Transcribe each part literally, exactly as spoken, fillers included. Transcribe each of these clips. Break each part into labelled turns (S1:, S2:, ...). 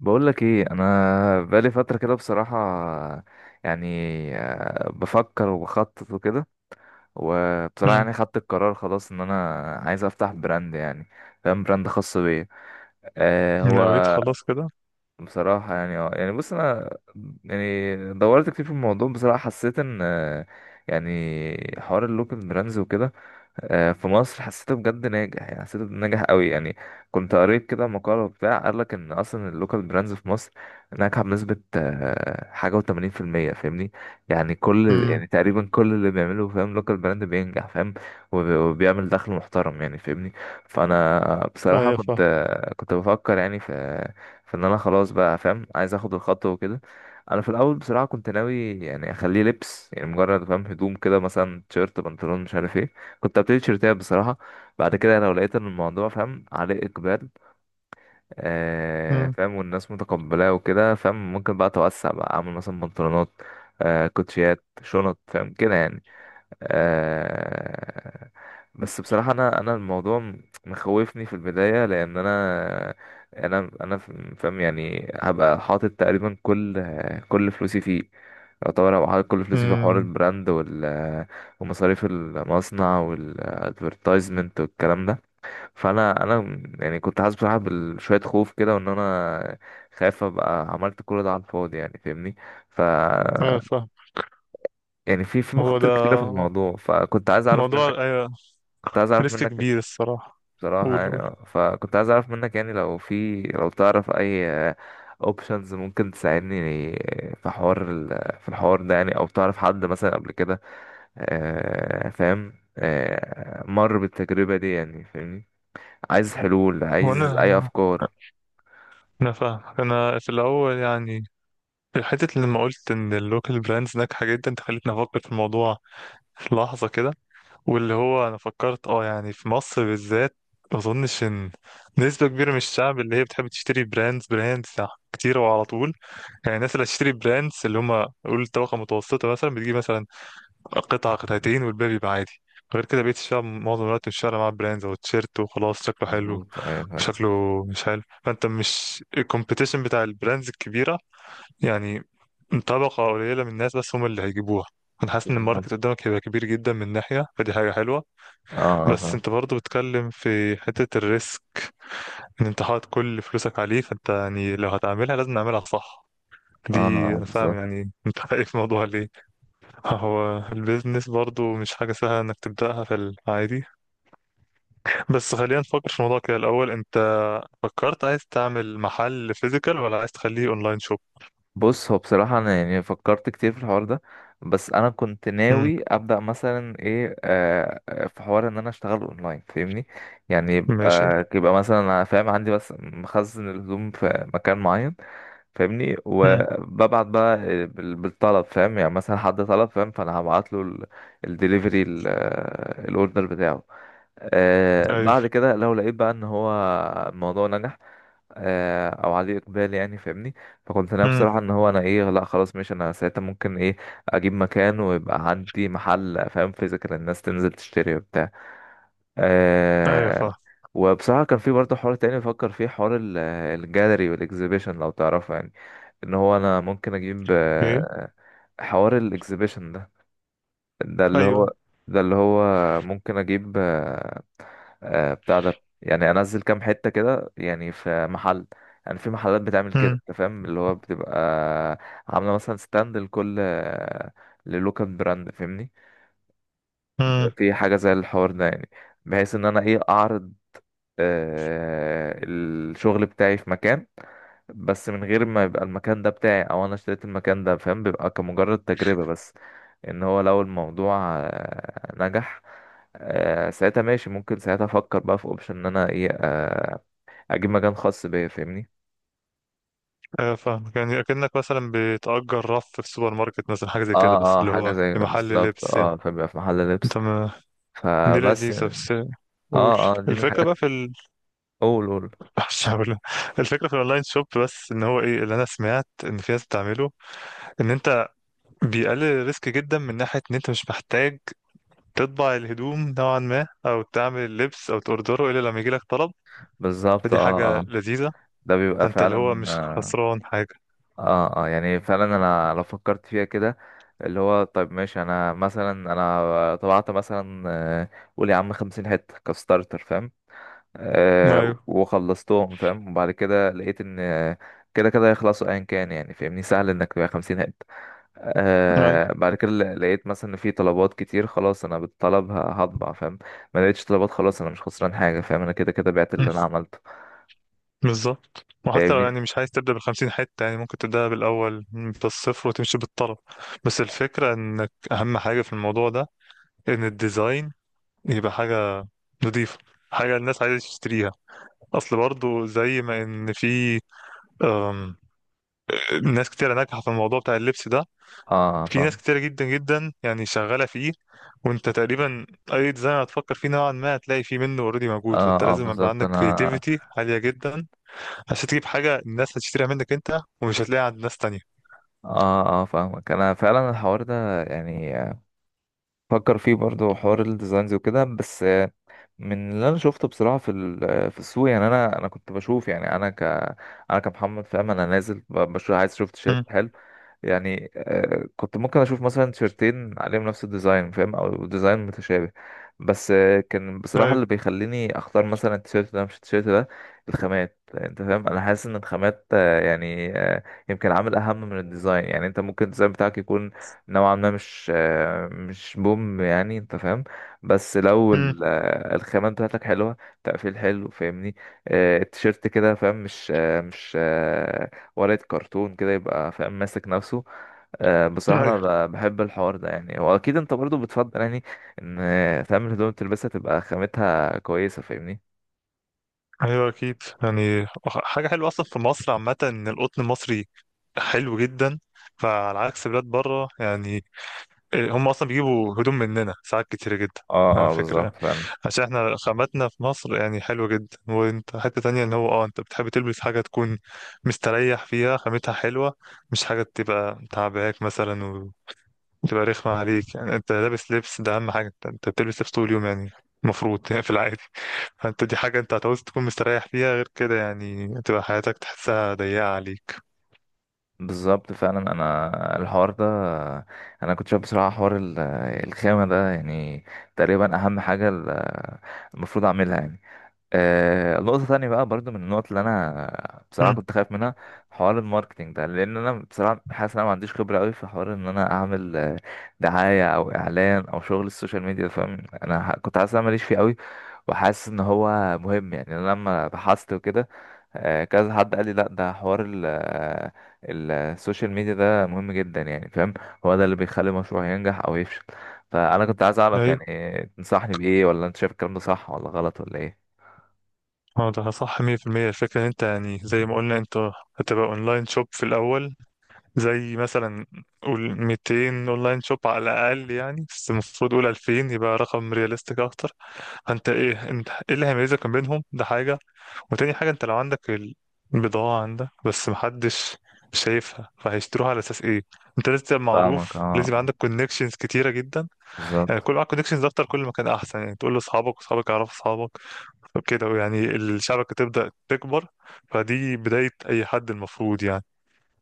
S1: بقول لك ايه، انا بقالي فتره كده بصراحه. يعني آه، بفكر وبخطط وكده. وبصراحه
S2: مم.
S1: يعني خدت القرار خلاص ان انا عايز افتح براند يعني. فاهم، براند خاص بيا. آه هو
S2: نويت خلاص كده.
S1: بصراحة يعني اه يعني بص أنا. يعني دورت كتير في الموضوع، بصراحة حسيت إن آه، يعني حوار اللوكال براندز وكده آه، في مصر، حسيته بجد ناجح، يعني حسيته ناجح قوي يعني. كنت قريت كده مقالة، بتاع قال لك إن أصلا اللوكال براندز في مصر ناجحة بنسبة آه، حاجة وتمانين في المية، فاهمني. يعني كل،
S2: امم،
S1: يعني تقريبا كل اللي بيعمله فاهم لوكال براند بينجح، فاهم. وب- وبيعمل دخل محترم يعني، فاهمني. فأنا بصراحة
S2: ايوه
S1: كنت
S2: فاهم.
S1: آه، كنت بفكر يعني في، فان انا خلاص بقى فاهم عايز اخد الخطوه وكده. انا في الاول بصراحه كنت ناوي يعني اخليه لبس، يعني مجرد فاهم هدوم كده، مثلا تيشيرت بنطلون مش عارف ايه. كنت ابتدي تيشيرتات بصراحه. بعد كده لو لقيت ان الموضوع فاهم عليه اقبال، آه
S2: امم.
S1: فاهم، والناس متقبلاه وكده، فاهم، ممكن بقى اتوسع بقى اعمل مثلا بنطلونات، آه كوتشيات، شنط، فاهم كده يعني. آه بس بصراحة أنا أنا الموضوع م- مخوفني في البداية، لأن أنا أنا أنا ف- فاهم يعني هبقى حاطط تقريبا كل كل فلوسي فيه. يعتبر هبقى حاطط كل فلوسي في حوار
S2: امم،
S1: البراند وال ومصاريف المصنع والادفرتايزمنت والكلام ده. فأنا أنا م- يعني كنت حاسس بصراحة بشوية خوف كده، وإن أنا خايف أبقى عملت كل ده على الفاضي يعني، فاهمني. ف
S2: ايوه فاهم.
S1: يعني في في
S2: هو
S1: مخاطر
S2: ده
S1: كتيرة في الموضوع، فكنت عايز أعرف
S2: موضوع،
S1: منك
S2: ايوه
S1: كنت عايز اعرف
S2: ريسك
S1: منك
S2: كبير الصراحه.
S1: بصراحة
S2: قول
S1: يعني.
S2: قول.
S1: آه. فكنت عايز اعرف منك يعني لو في لو تعرف اي اوبشنز ممكن تساعدني في حوار ال- في الحوار ده، يعني، او تعرف حد مثلا قبل كده آه، فاهم، آه، مر بالتجربة دي يعني، فاهمني. عايز حلول،
S2: هو
S1: عايز اي
S2: انا
S1: افكار.
S2: انا فاهم. انا في الاول يعني، في الحته اللي لما قلت ان اللوكال براندز ناجحه جدا انت خليتني افكر في الموضوع في لحظه كده، واللي هو انا فكرت اه يعني في مصر بالذات ما اظنش ان نسبه كبيره من الشعب اللي هي بتحب تشتري براندز براندز كتير وعلى طول. يعني الناس اللي هتشتري براندز، اللي هم قول طبقه متوسطه مثلا، بتجيب مثلا قطعه قطعتين والباقي بيبقى عادي. غير كده بقيت الشعب معظم الوقت مش فارق معاه براندز او تيشيرت وخلاص شكله حلو
S1: مظبوط، ايوه فاهم.
S2: شكله مش حلو، فانت مش الكومبيتيشن بتاع البراندز الكبيره يعني، طبقه قليله من الناس بس هم اللي هيجيبوها. انا حاسس ان
S1: بالظبط،
S2: الماركت قدامك هيبقى كبير جدا من ناحيه، فدي حاجه حلوه.
S1: اه
S2: بس
S1: اه،
S2: انت برضو بتتكلم في حتة الريسك ان انت حاطط كل فلوسك عليه، فانت يعني لو هتعملها لازم نعملها صح
S1: اه
S2: دي.
S1: آه،
S2: انا فاهم
S1: بالظبط.
S2: يعني انت خايف من الموضوع ليه. هو البيزنس برضو مش حاجة سهلة انك تبدأها في العادي. بس خلينا نفكر في الموضوع كده الاول، انت فكرت عايز تعمل محل فيزيكال ولا عايز تخليه اونلاين شوب؟
S1: بص، هو بصراحة أنا يعني فكرت كتير في الحوار ده، بس أنا كنت
S2: امم.
S1: ناوي أبدأ مثلا إيه آه آه، في حوار إن أنا أشتغل أونلاين، فاهمني، يعني
S2: ماشي.
S1: يبقى يبقى مثلا أنا فاهم عندي بس مخزن الهدوم في مكان معين، فاهمني،
S2: امم.
S1: وببعت بقى بال- بالطلب، فاهم، يعني مثلا حد طلب فاهم، فأنا هبعت له الدليفري، الأوردر بتاعه. آه بعد
S2: ايوه.
S1: كده لو لقيت بقى إن هو الموضوع نجح، آه، او عليه اقبال يعني، فاهمني. فكنت ناوي
S2: امم.
S1: بصراحه ان هو انا ايه، لا خلاص ماشي انا ساعتها ممكن ايه اجيب مكان ويبقى عندي محل، فاهم، فيزيكال، الناس تنزل تشتري وبتاع.
S2: ايوه
S1: أه.
S2: فاهم.
S1: وبصراحه كان في برضه حوار تاني بفكر فيه، حوار ال- الجاليري والاكزيبيشن، لو تعرفه، يعني ان هو انا ممكن اجيب
S2: ايه.
S1: آه، حوار الاكزيبيشن ده، ده اللي
S2: ايوه.
S1: هو ده اللي هو ممكن اجيب آه، آه، بتاع ده يعني، انزل كام حته كده، يعني في محل، يعني في محلات بتعمل كده، انت فاهم اللي هو بتبقى عامله مثلا ستاند لكل آه، للوكال براند، فاهمني،
S2: امم.
S1: بيبقى في حاجه زي الحوار ده يعني، بحيث ان انا ايه اعرض آه، الشغل بتاعي في مكان، بس من غير ما يبقى المكان ده بتاعي او انا اشتريت المكان ده، فاهم، بيبقى كمجرد تجربه بس، ان هو لو الموضوع آه، نجح، آه، ساعتها ماشي، ممكن ساعتها افكر بقى في اوبشن ان انا ايه آه، اجيب مكان خاص بيا، فاهمني.
S2: آه، فاهمك، يعني أكنك مثلا بتأجر رف في السوبر ماركت مثلا، حاجة زي كده
S1: اه
S2: بس
S1: اه،
S2: اللي
S1: حاجه
S2: هو
S1: زي
S2: لمحل
S1: بالظبط،
S2: لبس يعني.
S1: اه، فبيبقى في محل لبس.
S2: انت ما دي
S1: فبس
S2: لذيذة،
S1: اه.
S2: بس قول.
S1: اه دي من
S2: الفكرة
S1: الحاجات.
S2: بقى في ال...
S1: اول، قول.
S2: مش هقول. الفكرة في الأونلاين شوب بس إن هو إيه اللي أنا سمعت إن في ناس بتعمله، إن أنت بيقلل ريسك جدا من ناحية إن أنت مش محتاج تطبع الهدوم نوعا ما أو تعمل اللبس أو تأوردره إلا لما يجيلك طلب.
S1: بالظبط،
S2: فدي
S1: اه
S2: حاجة
S1: اه،
S2: لذيذة،
S1: ده بيبقى
S2: أنت اللي هو
S1: فعلا
S2: مش
S1: اه
S2: خسران حاجة.
S1: اه آه، يعني فعلا انا لو فكرت فيها كده، اللي هو طيب ماشي انا مثلا انا طبعت مثلا آه، قول يا عم خمسين حته كستارتر، فاهم، آه
S2: أيوه.
S1: وخلصتهم، فاهم، وبعد كده لقيت ان آه، كده كده هيخلصوا ايا كان يعني، فاهمني، سهل انك تبيع خمسين هات.
S2: أيوه
S1: آه بعد كده ل- لقيت مثلا ان في طلبات كتير، خلاص انا بالطلب ه- هطبع، فاهم. ما لقيتش طلبات، خلاص انا مش خسران حاجه، فاهم، انا كده كده بعت اللي انا عملته،
S2: بالظبط، وحتى لو
S1: فاهمني.
S2: يعني مش عايز تبدأ بالخمسين حتة يعني ممكن تبدأ بالأول بالصفر وتمشي بالطلب. بس الفكرة إنك أهم حاجة في الموضوع ده إن الديزاين يبقى حاجة نضيفة، حاجة الناس عايزة تشتريها. أصل برضو زي ما إن في أم، ناس كتيرة ناجحة في الموضوع بتاع اللبس ده.
S1: اه
S2: في ناس
S1: فاهم.
S2: كتيرة جدا جدا يعني شغالة فيه، وانت تقريبا أي ديزاين هتفكر فيه نوعا ما هتلاقي فيه منه اوريدي موجود، وانت
S1: اه اه،
S2: لازم يبقى
S1: بالظبط،
S2: عندك
S1: انا
S2: كرياتيفيتي عالية جدا عشان تجيب حاجة الناس هتشتريها منك أنت ومش هتلاقيها عند ناس تانية.
S1: اه اه فاهمك. انا فعلا الحوار ده يعني فكر فيه برضو، حوار الديزاينز وكده، بس آه، من اللي انا شفته بصراحه في ال- في السوق، يعني انا انا كنت بشوف، يعني انا ك انا كمحمد فاهم، انا نازل ب- بشوف عايز اشوف تيشيرت
S2: مم.
S1: حلو، يعني آه، كنت ممكن اشوف مثلا تيشرتين عليهم نفس الديزاين، فاهم، او ديزاين متشابه، بس آه، كان بصراحة
S2: أيوه.
S1: اللي بيخليني اختار مثلا التيشيرت ده مش التيشيرت ده الخامات. انت فاهم، انا حاسس ان الخامات آه، يعني آه، يمكن عامل اهم من الديزاين، يعني انت ممكن الديزاين بتاعك يكون نوعا ما مش آه، مش بوم، يعني انت فاهم، بس لو
S2: مم.
S1: ال- آه، الخامات بتاعتك حلوة، تقفيل حلو، فاهمني، آه، التيشيرت كده، فاهم، مش آه، مش آه، ورقة كرتون كده، يبقى فاهم ماسك نفسه. آه، بصراحة أنا
S2: أيوه.
S1: ب- بحب الحوار ده يعني، وأكيد أنت برضو بتفضل يعني، إن فاهم الهدوم تلبسها تبقى خامتها كويسة، فاهمني.
S2: أيوه أكيد، يعني حاجة حلوة أصلا في مصر عامة إن القطن المصري حلو جدا. فعلى عكس بلاد بره يعني هم أصلا بيجيبوا هدوم مننا ساعات كتيرة جدا،
S1: اه
S2: على
S1: اه،
S2: فكرة يعني،
S1: بالظبط فعلا.
S2: عشان احنا خاماتنا في مصر يعني حلوة جدا. وانت حتة تانية ان هو اه انت بتحب تلبس حاجة تكون مستريح فيها خامتها حلوة، مش حاجة تبقى تعباك مثلا، تبقى رخمة عليك. يعني انت لابس لبس ده اهم حاجة، انت انت بتلبس لبس طول اليوم يعني، المفروض يعني في العادي. فانت دي حاجة انت هتعوز تكون مستريح فيها، غير كده يعني تبقى حياتك تحسها ضيقة عليك.
S1: بالظبط فعلا أنا الحوار ده، أنا كنت شايف بصراحة حوار ال- الخامة ده، يعني تقريبا أهم حاجة ال- المفروض أعملها يعني. آه نقطة تانية بقى برضو من النقط اللي أنا بصراحة
S2: امم.
S1: كنت خايف منها، حوار الماركتينج ده، لأن أنا بصراحة حاسس إن أنا ما عنديش خبرة أوي في حوار إن أنا أعمل آه، دعاية أو إعلان أو شغل السوشيال ميديا، فاهم. أنا ح- كنت حاسس إن أنا ماليش فيه أوي، وحاسس إن هو مهم، يعني أنا لما بحثت وكده آه، كذا حد قال لي، لأ ده حوار ال آه، ال- السوشيال ميديا ده مهم جدا يعني، فاهم، هو ده اللي بيخلي مشروع ينجح أو يفشل. فأنا كنت عايز أعرف
S2: ايوه.
S1: يعني تنصحني بإيه، ولا أنت شايف الكلام ده صح ولا غلط ولا إيه؟
S2: هو ده صح مية في المية. الفكرة ان انت يعني زي ما قلنا انت هتبقى اونلاين شوب في الاول، زي مثلا قول ميتين اونلاين شوب على الاقل يعني، بس المفروض قول ألفين يبقى رقم رياليستيك اكتر. فانت ايه، انت ايه اللي هيميزك ما بينهم، ده حاجة. وتاني حاجة انت لو عندك ال- البضاعة عندك بس محدش شايفها فهيشتروها على اساس ايه؟ انت لازم تبقى
S1: فاهمك، اه
S2: معروف، لازم يبقى
S1: آه،
S2: عندك كونكشنز كتيرة جدا. يعني
S1: بالظبط.
S2: كل معاك كونكشنز اكتر كل ما كان احسن، يعني تقول لاصحابك واصحابك يعرفوا اصحابك وكده، يعني الشبكة تبدأ تكبر. فدي بداية اي حد المفروض يعني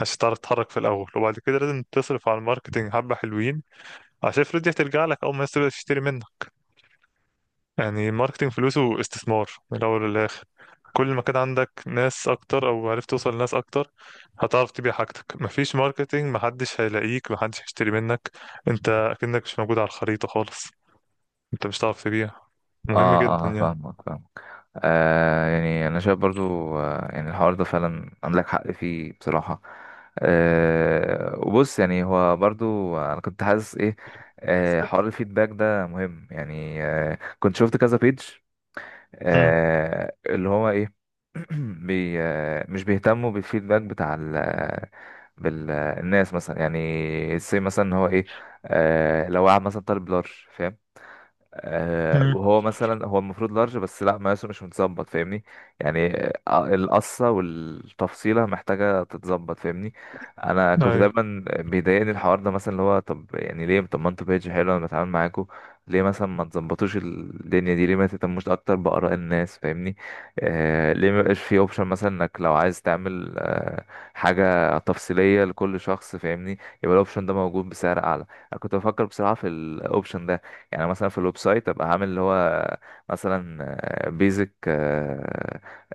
S2: عشان تعرف تتحرك في الاول. وبعد كده لازم تصرف على الماركتنج حبة حلوين، عشان الفلوس دي هترجع لك اول ما الناس تبدأ تشتري منك. يعني الماركتينج فلوسه استثمار من الأول للآخر. كل ما كان عندك ناس أكتر أو عرفت توصل لناس أكتر هتعرف تبيع حاجتك. مفيش ماركتينج، محدش هيلاقيك، محدش هيشتري منك، أنت أكنك مش موجود على الخريطة خالص، أنت مش هتعرف تبيع. مهم
S1: اه اه
S2: جدا
S1: آه،
S2: يعني.
S1: فاهمك فاهمك. آه يعني انا شايف برضو آه يعني الحوار ده فعلا عندك حق فيه، بصراحة. آه وبص، يعني هو برضو انا كنت حاسس ايه، آه حوار الفيدباك ده مهم يعني، آه كنت شفت كذا بيج
S2: مم.
S1: آه اللي هو ايه، بي آه مش بيهتموا بالفيدباك بتاع ال آه، بالناس مثلا يعني، زي مثلا هو ايه، آه لو واحد مثلا طالب لارج فاهم، آه،
S2: مم.
S1: وهو مثلا هو المفروض لارج، بس لا مقاسه مش متظبط، فاهمني، يعني آه، القصة والتفصيلة محتاجة تتظبط، فاهمني. انا كنت
S2: أيوه.
S1: دايما بيضايقني الحوار ده، مثلا اللي هو طب يعني ليه، طب ما انتوا بيج حلو انا بتعامل معاكوا، ليه مثلا ما تظبطوش الدنيا دي، ليه ما تهتموش اكتر بآراء الناس، فاهمني. آه ليه ما يبقاش في اوبشن مثلا انك لو عايز تعمل آه حاجة تفصيلية لكل شخص، فاهمني، يبقى الاوبشن ده موجود بسعر اعلى. انا كنت بفكر بصراحة في الاوبشن ده، يعني مثلا في الويب سايت ابقى عامل اللي هو مثلا بيزك،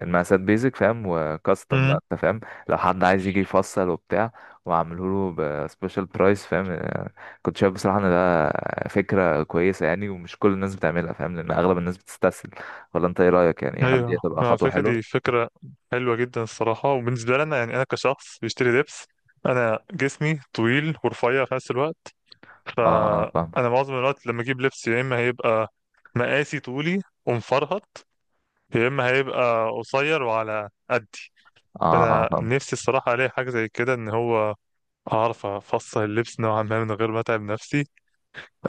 S1: المقاسات بيزك، فاهم، وكاستم بقى
S2: مم.
S1: انت فاهم، لو حد عايز يجي يفصل وبتاع وعامله له بسبيشال برايس، فاهم. آه، كنت شايف بصراحة ان ده فكرة كويسة يعني، ومش كل الناس بتعملها فاهم، لان اغلب الناس بتستسهل. ولا انت ايه رأيك، يعني هل دي
S2: أيوه
S1: هتبقى
S2: على
S1: خطوة
S2: فكرة،
S1: حلوة؟
S2: دي فكرة حلوة جدا الصراحة. وبالنسبة لنا يعني أنا كشخص بيشتري لبس، أنا جسمي طويل ورفيع في نفس الوقت،
S1: اه اه فاهم.
S2: فانا معظم الوقت لما اجيب لبس يا اما هيبقى مقاسي طولي ومفرهط، يا اما هيبقى قصير وعلى قدي.
S1: اه اه
S2: فانا
S1: فاهم.
S2: نفسي الصراحه الاقي حاجه زي كده ان هو اعرف افصل اللبس نوعا ما من غير ما اتعب نفسي.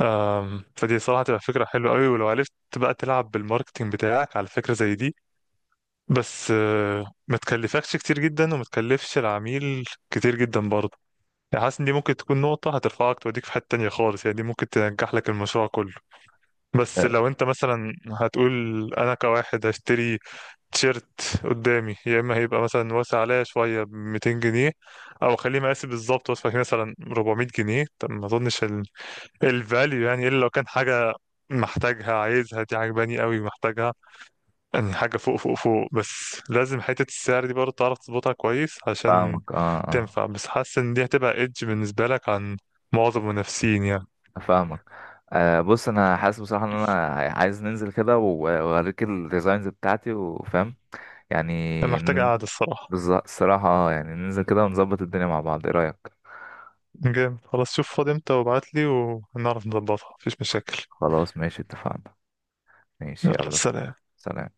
S2: أم، فدي صراحه تبقى فكره حلوه قوي، ولو عرفت بقى تلعب بالماركتينج بتاعك على فكره زي دي، بس أه، ما تكلفكش كتير جدا وما تكلفش العميل كتير جدا برضه، يعني حاسس ان دي ممكن تكون نقطه هترفعك توديك في حته تانية خالص، يعني دي ممكن تنجح لك المشروع كله.
S1: آه،
S2: بس
S1: آه،
S2: لو انت مثلا هتقول انا كواحد هشتري تيشيرت قدامي يا اما هيبقى مثلا واسع عليا شويه ب ميتين جنيه، او اخليه مقاسي بالظبط واسع فيه مثلا اربعمية جنيه، طب ما اظنش ال... الفاليو يعني الا لو كان حاجه محتاجها عايزها، دي عجباني قوي محتاجها، يعني حاجه فوق فوق فوق. بس لازم حته السعر دي برضه تعرف تظبطها كويس عشان
S1: فاهمك. اه اه
S2: تنفع. بس حاسس ان دي هتبقى ايدج بالنسبه لك عن معظم المنافسين يعني.
S1: فاهمك. آه بص انا حاسس بصراحه ان انا عايز ننزل كده و- واوريك الديزاينز بتاعتي، وفاهم يعني،
S2: انا محتاج
S1: ن-
S2: قاعده الصراحه.
S1: بالظبط. الصراحه آه، يعني ننزل كده ونظبط الدنيا مع بعض، ايه رايك؟
S2: جامد خلاص، شوف فاضي امتى وابعتلي وهنعرف نظبطها، مفيش مشاكل.
S1: خلاص ماشي، اتفقنا. ماشي،
S2: يلا
S1: يلا.
S2: سلام.
S1: سلام.